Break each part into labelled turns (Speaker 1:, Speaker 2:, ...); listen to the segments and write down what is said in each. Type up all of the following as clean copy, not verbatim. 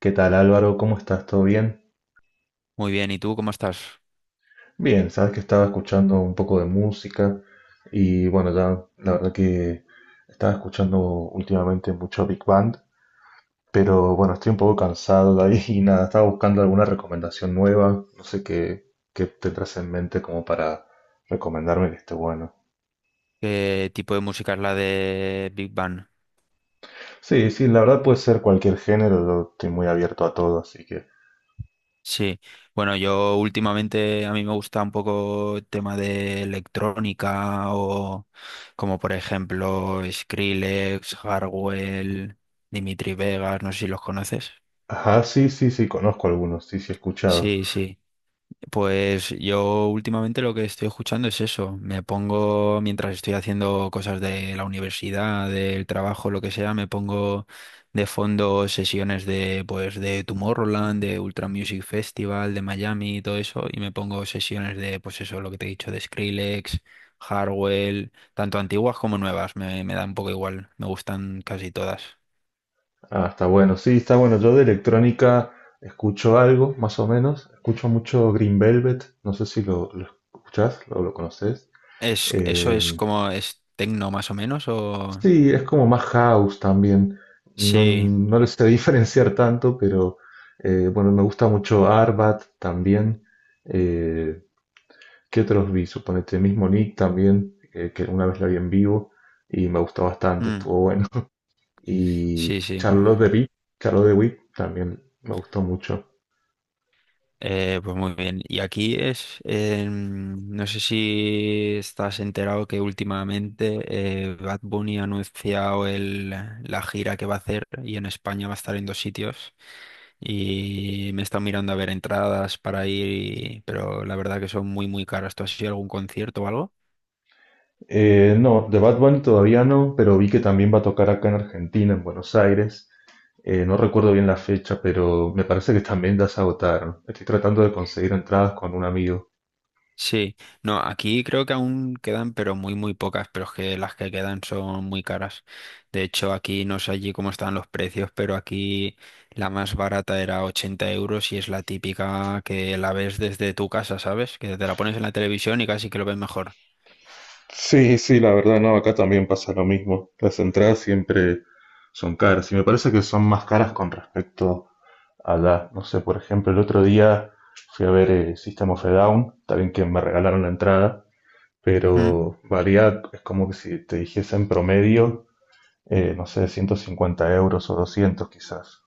Speaker 1: ¿Qué tal Álvaro? ¿Cómo estás? ¿Todo bien?
Speaker 2: Muy bien, ¿y tú cómo estás?
Speaker 1: Bien, sabes que estaba escuchando un poco de música y bueno, ya la verdad que estaba escuchando últimamente mucho Big Band, pero bueno, estoy un poco cansado de ahí y nada, estaba buscando alguna recomendación nueva, no sé qué, qué tendrás en mente como para recomendarme que esté bueno.
Speaker 2: ¿Qué tipo de música es la de Big Bang?
Speaker 1: Sí, sí, la verdad puede ser cualquier género, yo estoy muy abierto a todo, así que...
Speaker 2: Sí, bueno, yo últimamente a mí me gusta un poco el tema de electrónica o como por ejemplo Skrillex, Hardwell, Dimitri Vegas, no sé si los conoces.
Speaker 1: Ajá, sí, sí, sí, conozco algunos, sí, sí, he escuchado.
Speaker 2: Sí, sí. Pues yo últimamente lo que estoy escuchando es eso. Me pongo, mientras estoy haciendo cosas de la universidad, del trabajo, lo que sea, me pongo de fondo sesiones de, pues, de Tomorrowland, de Ultra Music Festival, de Miami y todo eso, y me pongo sesiones de, pues eso, lo que te he dicho, de Skrillex, Hardwell, tanto antiguas como nuevas, me da un poco igual, me gustan casi todas.
Speaker 1: Ah, está bueno. Sí, está bueno. Yo de electrónica escucho algo, más o menos. Escucho mucho Green Velvet. No sé si lo escuchás o lo conoces.
Speaker 2: Eso es
Speaker 1: Eh,
Speaker 2: como, es tecno más o menos. O...
Speaker 1: sí, es como más house también. No,
Speaker 2: Sí.
Speaker 1: no lo sé diferenciar tanto, pero bueno, me gusta mucho Arbat también. Eh, ¿Qué otros vi? Suponete mismo Nick también, que una vez la vi en vivo y me gustó bastante,
Speaker 2: Mm.
Speaker 1: estuvo bueno.
Speaker 2: Sí,
Speaker 1: Y
Speaker 2: sí.
Speaker 1: Charlotte de Witt también me gustó mucho.
Speaker 2: Pues muy bien. Y aquí no sé si estás enterado que últimamente Bad Bunny ha anunciado la gira que va a hacer y en España va a estar en dos sitios y me está mirando a ver entradas para ir, pero la verdad que son muy muy caras. ¿Tú has ido a algún concierto o algo?
Speaker 1: No, de Bad Bunny todavía no, pero vi que también va a tocar acá en Argentina, en Buenos Aires. No recuerdo bien la fecha, pero me parece que también ya se agotaron. Estoy tratando de conseguir entradas con un amigo.
Speaker 2: Sí, no, aquí creo que aún quedan, pero muy, muy pocas, pero es que las que quedan son muy caras. De hecho, aquí no sé allí cómo están los precios, pero aquí la más barata era 80 € y es la típica que la ves desde tu casa, ¿sabes? Que te la pones en la televisión y casi que lo ves mejor.
Speaker 1: Sí, sí, la verdad, no, acá también pasa lo mismo. Las entradas siempre son caras y me parece que son más caras con respecto a la, no sé, por ejemplo, el otro día fui a ver System of a Down, también que me regalaron la entrada,
Speaker 2: Mm.
Speaker 1: pero varía, es como que si te dijese en promedio no sé, 150 euros o 200 quizás.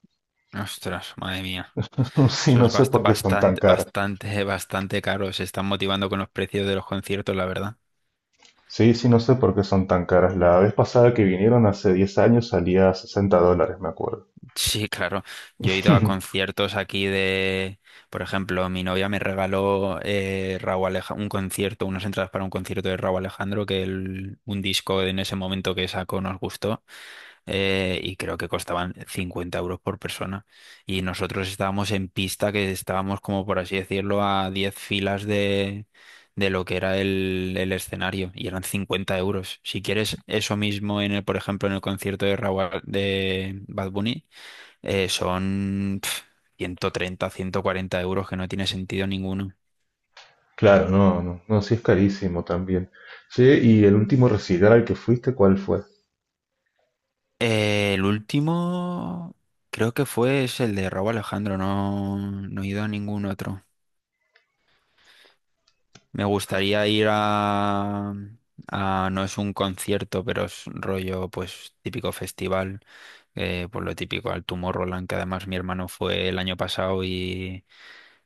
Speaker 2: Ostras, madre mía.
Speaker 1: Sí,
Speaker 2: Eso
Speaker 1: no
Speaker 2: es
Speaker 1: sé por qué son tan
Speaker 2: bastante,
Speaker 1: caras.
Speaker 2: bastante, bastante caro. Se están motivando con los precios de los conciertos, la verdad.
Speaker 1: Sí, sí, no sé por qué son tan caras. La vez pasada que vinieron hace 10 años salía a $60, me acuerdo.
Speaker 2: Sí, claro. Yo he ido a conciertos aquí de, por ejemplo, mi novia me regaló un concierto, unas entradas para un concierto de Rauw Alejandro, que un disco en ese momento que sacó nos gustó, y creo que costaban 50 € por persona. Y nosotros estábamos en pista, que estábamos como por así decirlo a 10 filas de lo que era el escenario y eran 50 euros. Si quieres eso mismo en el, por ejemplo, en el concierto de Bad Bunny. Son 130, 140 € que no tiene sentido ninguno.
Speaker 1: Claro, no, no, no, sí es carísimo también. Sí, ¿y el último recital al que fuiste, cuál fue?
Speaker 2: El último creo que fue es el de Raúl Alejandro, no, no he ido a ningún otro. Me gustaría ir no es un concierto, pero es rollo pues típico festival, por lo típico al Tomorrowland, que además mi hermano fue el año pasado.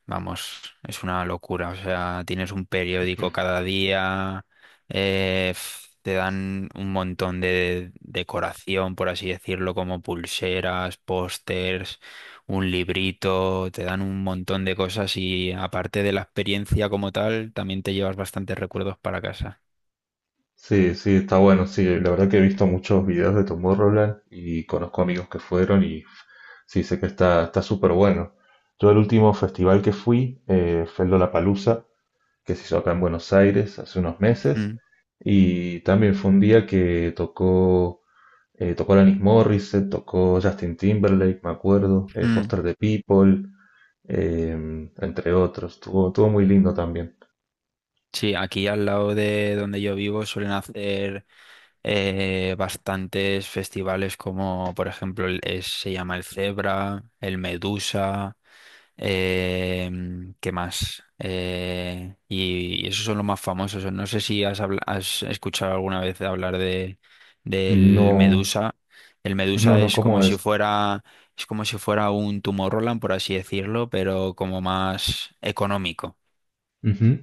Speaker 2: Vamos, es una locura. O sea, tienes un periódico cada día, te dan un montón de decoración, por así decirlo, como pulseras, pósters, un librito, te dan un montón de cosas y aparte de la experiencia como tal, también te llevas bastantes recuerdos para casa.
Speaker 1: Sí, sí, está bueno, sí, la verdad que he visto muchos videos de Tomorrowland y conozco amigos que fueron y sí, sé que está súper bueno. Yo el último festival que fui fue el que se hizo acá en Buenos Aires hace unos meses.
Speaker 2: Mm,
Speaker 1: Y también fue un día que tocó, tocó Alanis Morissette, tocó Justin Timberlake, me acuerdo,
Speaker 2: mm.
Speaker 1: Foster the People, eh, entre otros. Estuvo muy lindo también.
Speaker 2: Sí, aquí al lado de donde yo vivo suelen hacer bastantes festivales como, por ejemplo, se llama el Zebra, el Medusa, eh, ¿qué más? Y esos son los más famosos. No sé si has escuchado alguna vez hablar del
Speaker 1: No,
Speaker 2: Medusa. El
Speaker 1: no,
Speaker 2: Medusa
Speaker 1: no,
Speaker 2: es como
Speaker 1: ¿cómo es?
Speaker 2: si fuera, es como si fuera un Tomorrowland, por así decirlo, pero como más económico.
Speaker 1: Ujú.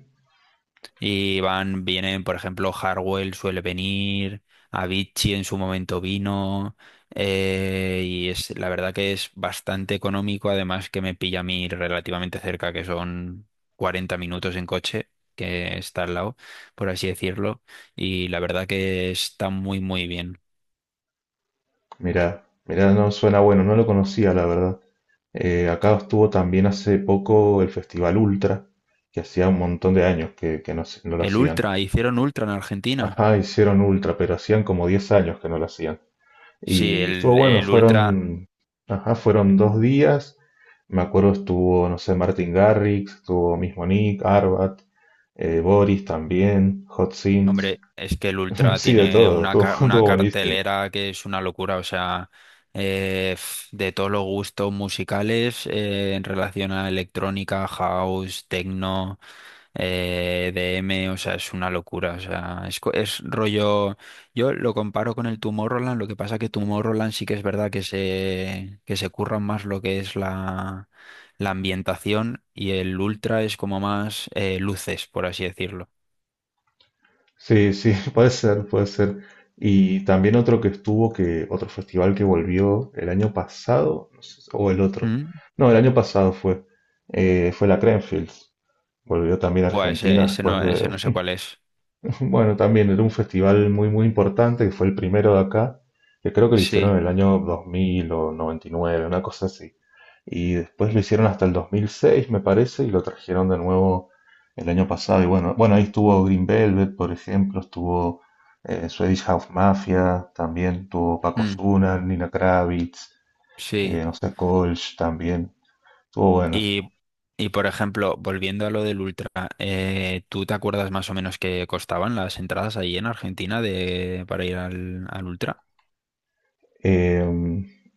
Speaker 2: Y vienen, por ejemplo, Hardwell suele venir, Avicii en su momento vino, y es la verdad que es bastante económico, además que me pilla a mí relativamente cerca, que son 40 minutos en coche, que está al lado, por así decirlo, y la verdad que está muy, muy bien.
Speaker 1: Mirá, mirá, no, suena bueno, no lo conocía, la verdad. Acá estuvo también hace poco el Festival Ultra, que hacía un montón de años que no, no lo
Speaker 2: El
Speaker 1: hacían.
Speaker 2: Ultra, hicieron Ultra en Argentina.
Speaker 1: Ajá, hicieron Ultra, pero hacían como 10 años que no lo hacían.
Speaker 2: Sí,
Speaker 1: Y estuvo
Speaker 2: el,
Speaker 1: bueno,
Speaker 2: el Ultra.
Speaker 1: fueron, ajá, fueron 2 días. Me acuerdo estuvo, no sé, Martin Garrix, estuvo mismo Nick, Arbat, Boris también, Hot Sims,
Speaker 2: Hombre, es que el Ultra
Speaker 1: sí, de
Speaker 2: tiene
Speaker 1: todo, estuvo,
Speaker 2: una
Speaker 1: estuvo buenísimo.
Speaker 2: cartelera que es una locura, o sea, de todos los gustos musicales, en relación a electrónica, house, techno, eh, DM, o sea, es una locura, o sea, es rollo, yo lo comparo con el Tomorrowland, lo que pasa que Tomorrowland sí que es verdad que que se curran más lo que es la ambientación y el Ultra es como más luces, por así decirlo.
Speaker 1: Sí, sí, puede ser, puede ser. Y también otro que estuvo, que otro festival que volvió el año pasado, no sé, o el otro. No, el año pasado fue, fue la Creamfields. Volvió también a
Speaker 2: Buah, ese,
Speaker 1: Argentina después
Speaker 2: ese
Speaker 1: de,
Speaker 2: no sé cuál es.
Speaker 1: bueno, también era un festival muy, muy importante, que fue el primero de acá, que creo que lo hicieron en
Speaker 2: Sí,
Speaker 1: el año 2000 o 1999, una cosa así. Y después lo hicieron hasta el 2006, me parece, y lo trajeron de nuevo el año pasado. Y bueno, bueno, ahí estuvo Green Velvet, por ejemplo, estuvo Swedish House Mafia, también estuvo Paco
Speaker 2: mm,
Speaker 1: Zuna, Nina Kravitz,
Speaker 2: sí.
Speaker 1: no sé, Kolsch también. Estuvo bueno.
Speaker 2: Y, y por ejemplo, volviendo a lo del Ultra, ¿tú te acuerdas más o menos qué costaban las entradas ahí en Argentina para ir al Ultra?
Speaker 1: Eh,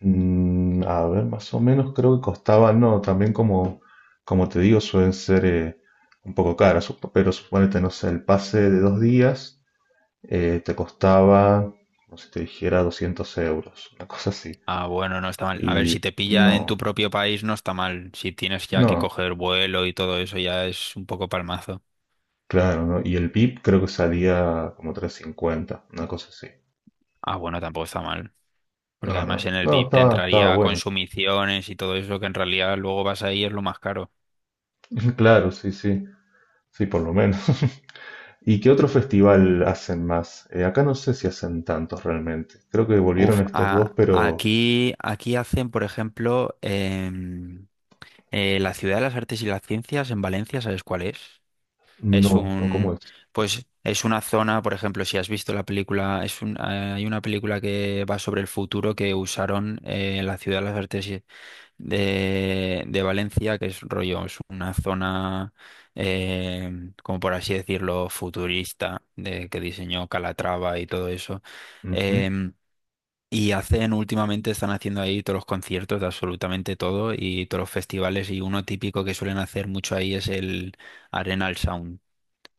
Speaker 1: mm, a ver, más o menos creo que costaba, no, también como, como te digo, suelen ser un poco caras, pero suponete, no sé, el pase de 2 días te costaba, como si te dijera, 200 euros, una cosa así.
Speaker 2: Ah, bueno, no está mal. A ver,
Speaker 1: Y
Speaker 2: si te pilla en
Speaker 1: no,
Speaker 2: tu propio país, no está mal. Si tienes ya que
Speaker 1: no,
Speaker 2: coger vuelo y todo eso, ya es un poco palmazo.
Speaker 1: claro, no. Y el VIP creo que salía como 350, una cosa así.
Speaker 2: Ah, bueno, tampoco está mal.
Speaker 1: No,
Speaker 2: Porque además en
Speaker 1: no,
Speaker 2: el
Speaker 1: no,
Speaker 2: VIP te
Speaker 1: estaba
Speaker 2: entraría
Speaker 1: bueno.
Speaker 2: consumiciones y todo eso, que en realidad luego vas ahí y es lo más caro.
Speaker 1: Claro, sí, sí, sí, por lo menos. ¿Y qué otro festival hacen más? Acá no sé si hacen tantos realmente. Creo que volvieron
Speaker 2: Uf,
Speaker 1: estos dos,
Speaker 2: a-
Speaker 1: pero
Speaker 2: aquí, aquí hacen, por ejemplo, la Ciudad de las Artes y las Ciencias en Valencia, ¿sabes cuál es? Es
Speaker 1: no, no, como
Speaker 2: un,
Speaker 1: es?
Speaker 2: es una zona, por ejemplo, si has visto la película, hay una película que va sobre el futuro que usaron, la Ciudad de las Artes de Valencia, que es rollo, es una zona, como por así decirlo, futurista, de, que diseñó Calatrava y todo eso.
Speaker 1: Ujú.
Speaker 2: Em, y hacen, últimamente están haciendo ahí todos los conciertos de absolutamente todo y todos los festivales y uno típico que suelen hacer mucho ahí es el Arenal Sound,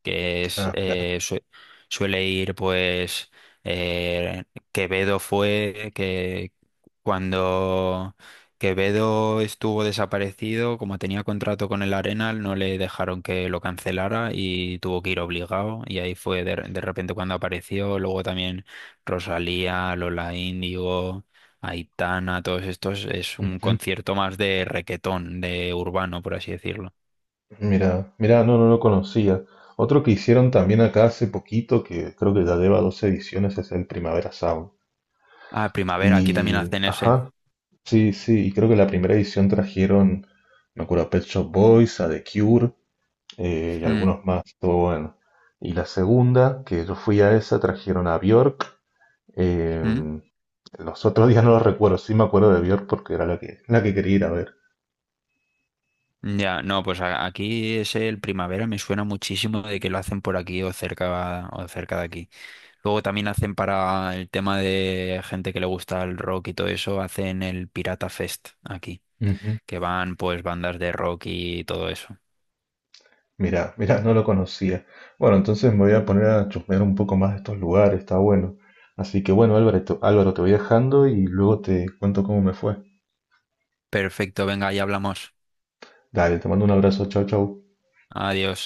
Speaker 2: que es,
Speaker 1: Ah, claro.
Speaker 2: suele ir, pues, eh, Quevedo fue que cuando Quevedo estuvo desaparecido, como tenía contrato con el Arenal, no le dejaron que lo cancelara y tuvo que ir obligado y ahí fue de repente cuando apareció, luego también Rosalía, Lola Índigo, Aitana, todos estos es un
Speaker 1: Ujú.
Speaker 2: concierto más de requetón, de urbano, por así decirlo.
Speaker 1: Mira, mira, no, no lo conocía. Otro que hicieron también acá hace poquito, que creo que ya lleva dos ediciones, es el Primavera Sound.
Speaker 2: Ah, Primavera, aquí también
Speaker 1: Y,
Speaker 2: hacen ese.
Speaker 1: ajá, sí, sí, y creo que la primera edición trajeron, me acuerdo, a Pet Shop Boys, a The Cure, y
Speaker 2: Mm.
Speaker 1: algunos más, todo bueno. Y la segunda, que yo fui a esa, trajeron a Björk. eh,
Speaker 2: ¿Mm?
Speaker 1: los otros días no los recuerdo, sí me acuerdo de Björk porque era la que quería ir a
Speaker 2: Ya, no, pues aquí es el Primavera, me suena muchísimo de que lo hacen por aquí o cerca, de aquí. Luego también hacen para el tema de gente que le gusta el rock y todo eso, hacen el Pirata Fest aquí,
Speaker 1: ver.
Speaker 2: que van pues bandas de rock y todo eso.
Speaker 1: Mirá, mirá, no lo conocía. Bueno, entonces me voy a poner a chusmear un poco más de estos lugares, está bueno. Así que bueno, Álvaro, Álvaro, te voy dejando y luego te cuento cómo me fue.
Speaker 2: Perfecto, venga, ya hablamos.
Speaker 1: Dale, te mando un abrazo, chau, chau.
Speaker 2: Adiós.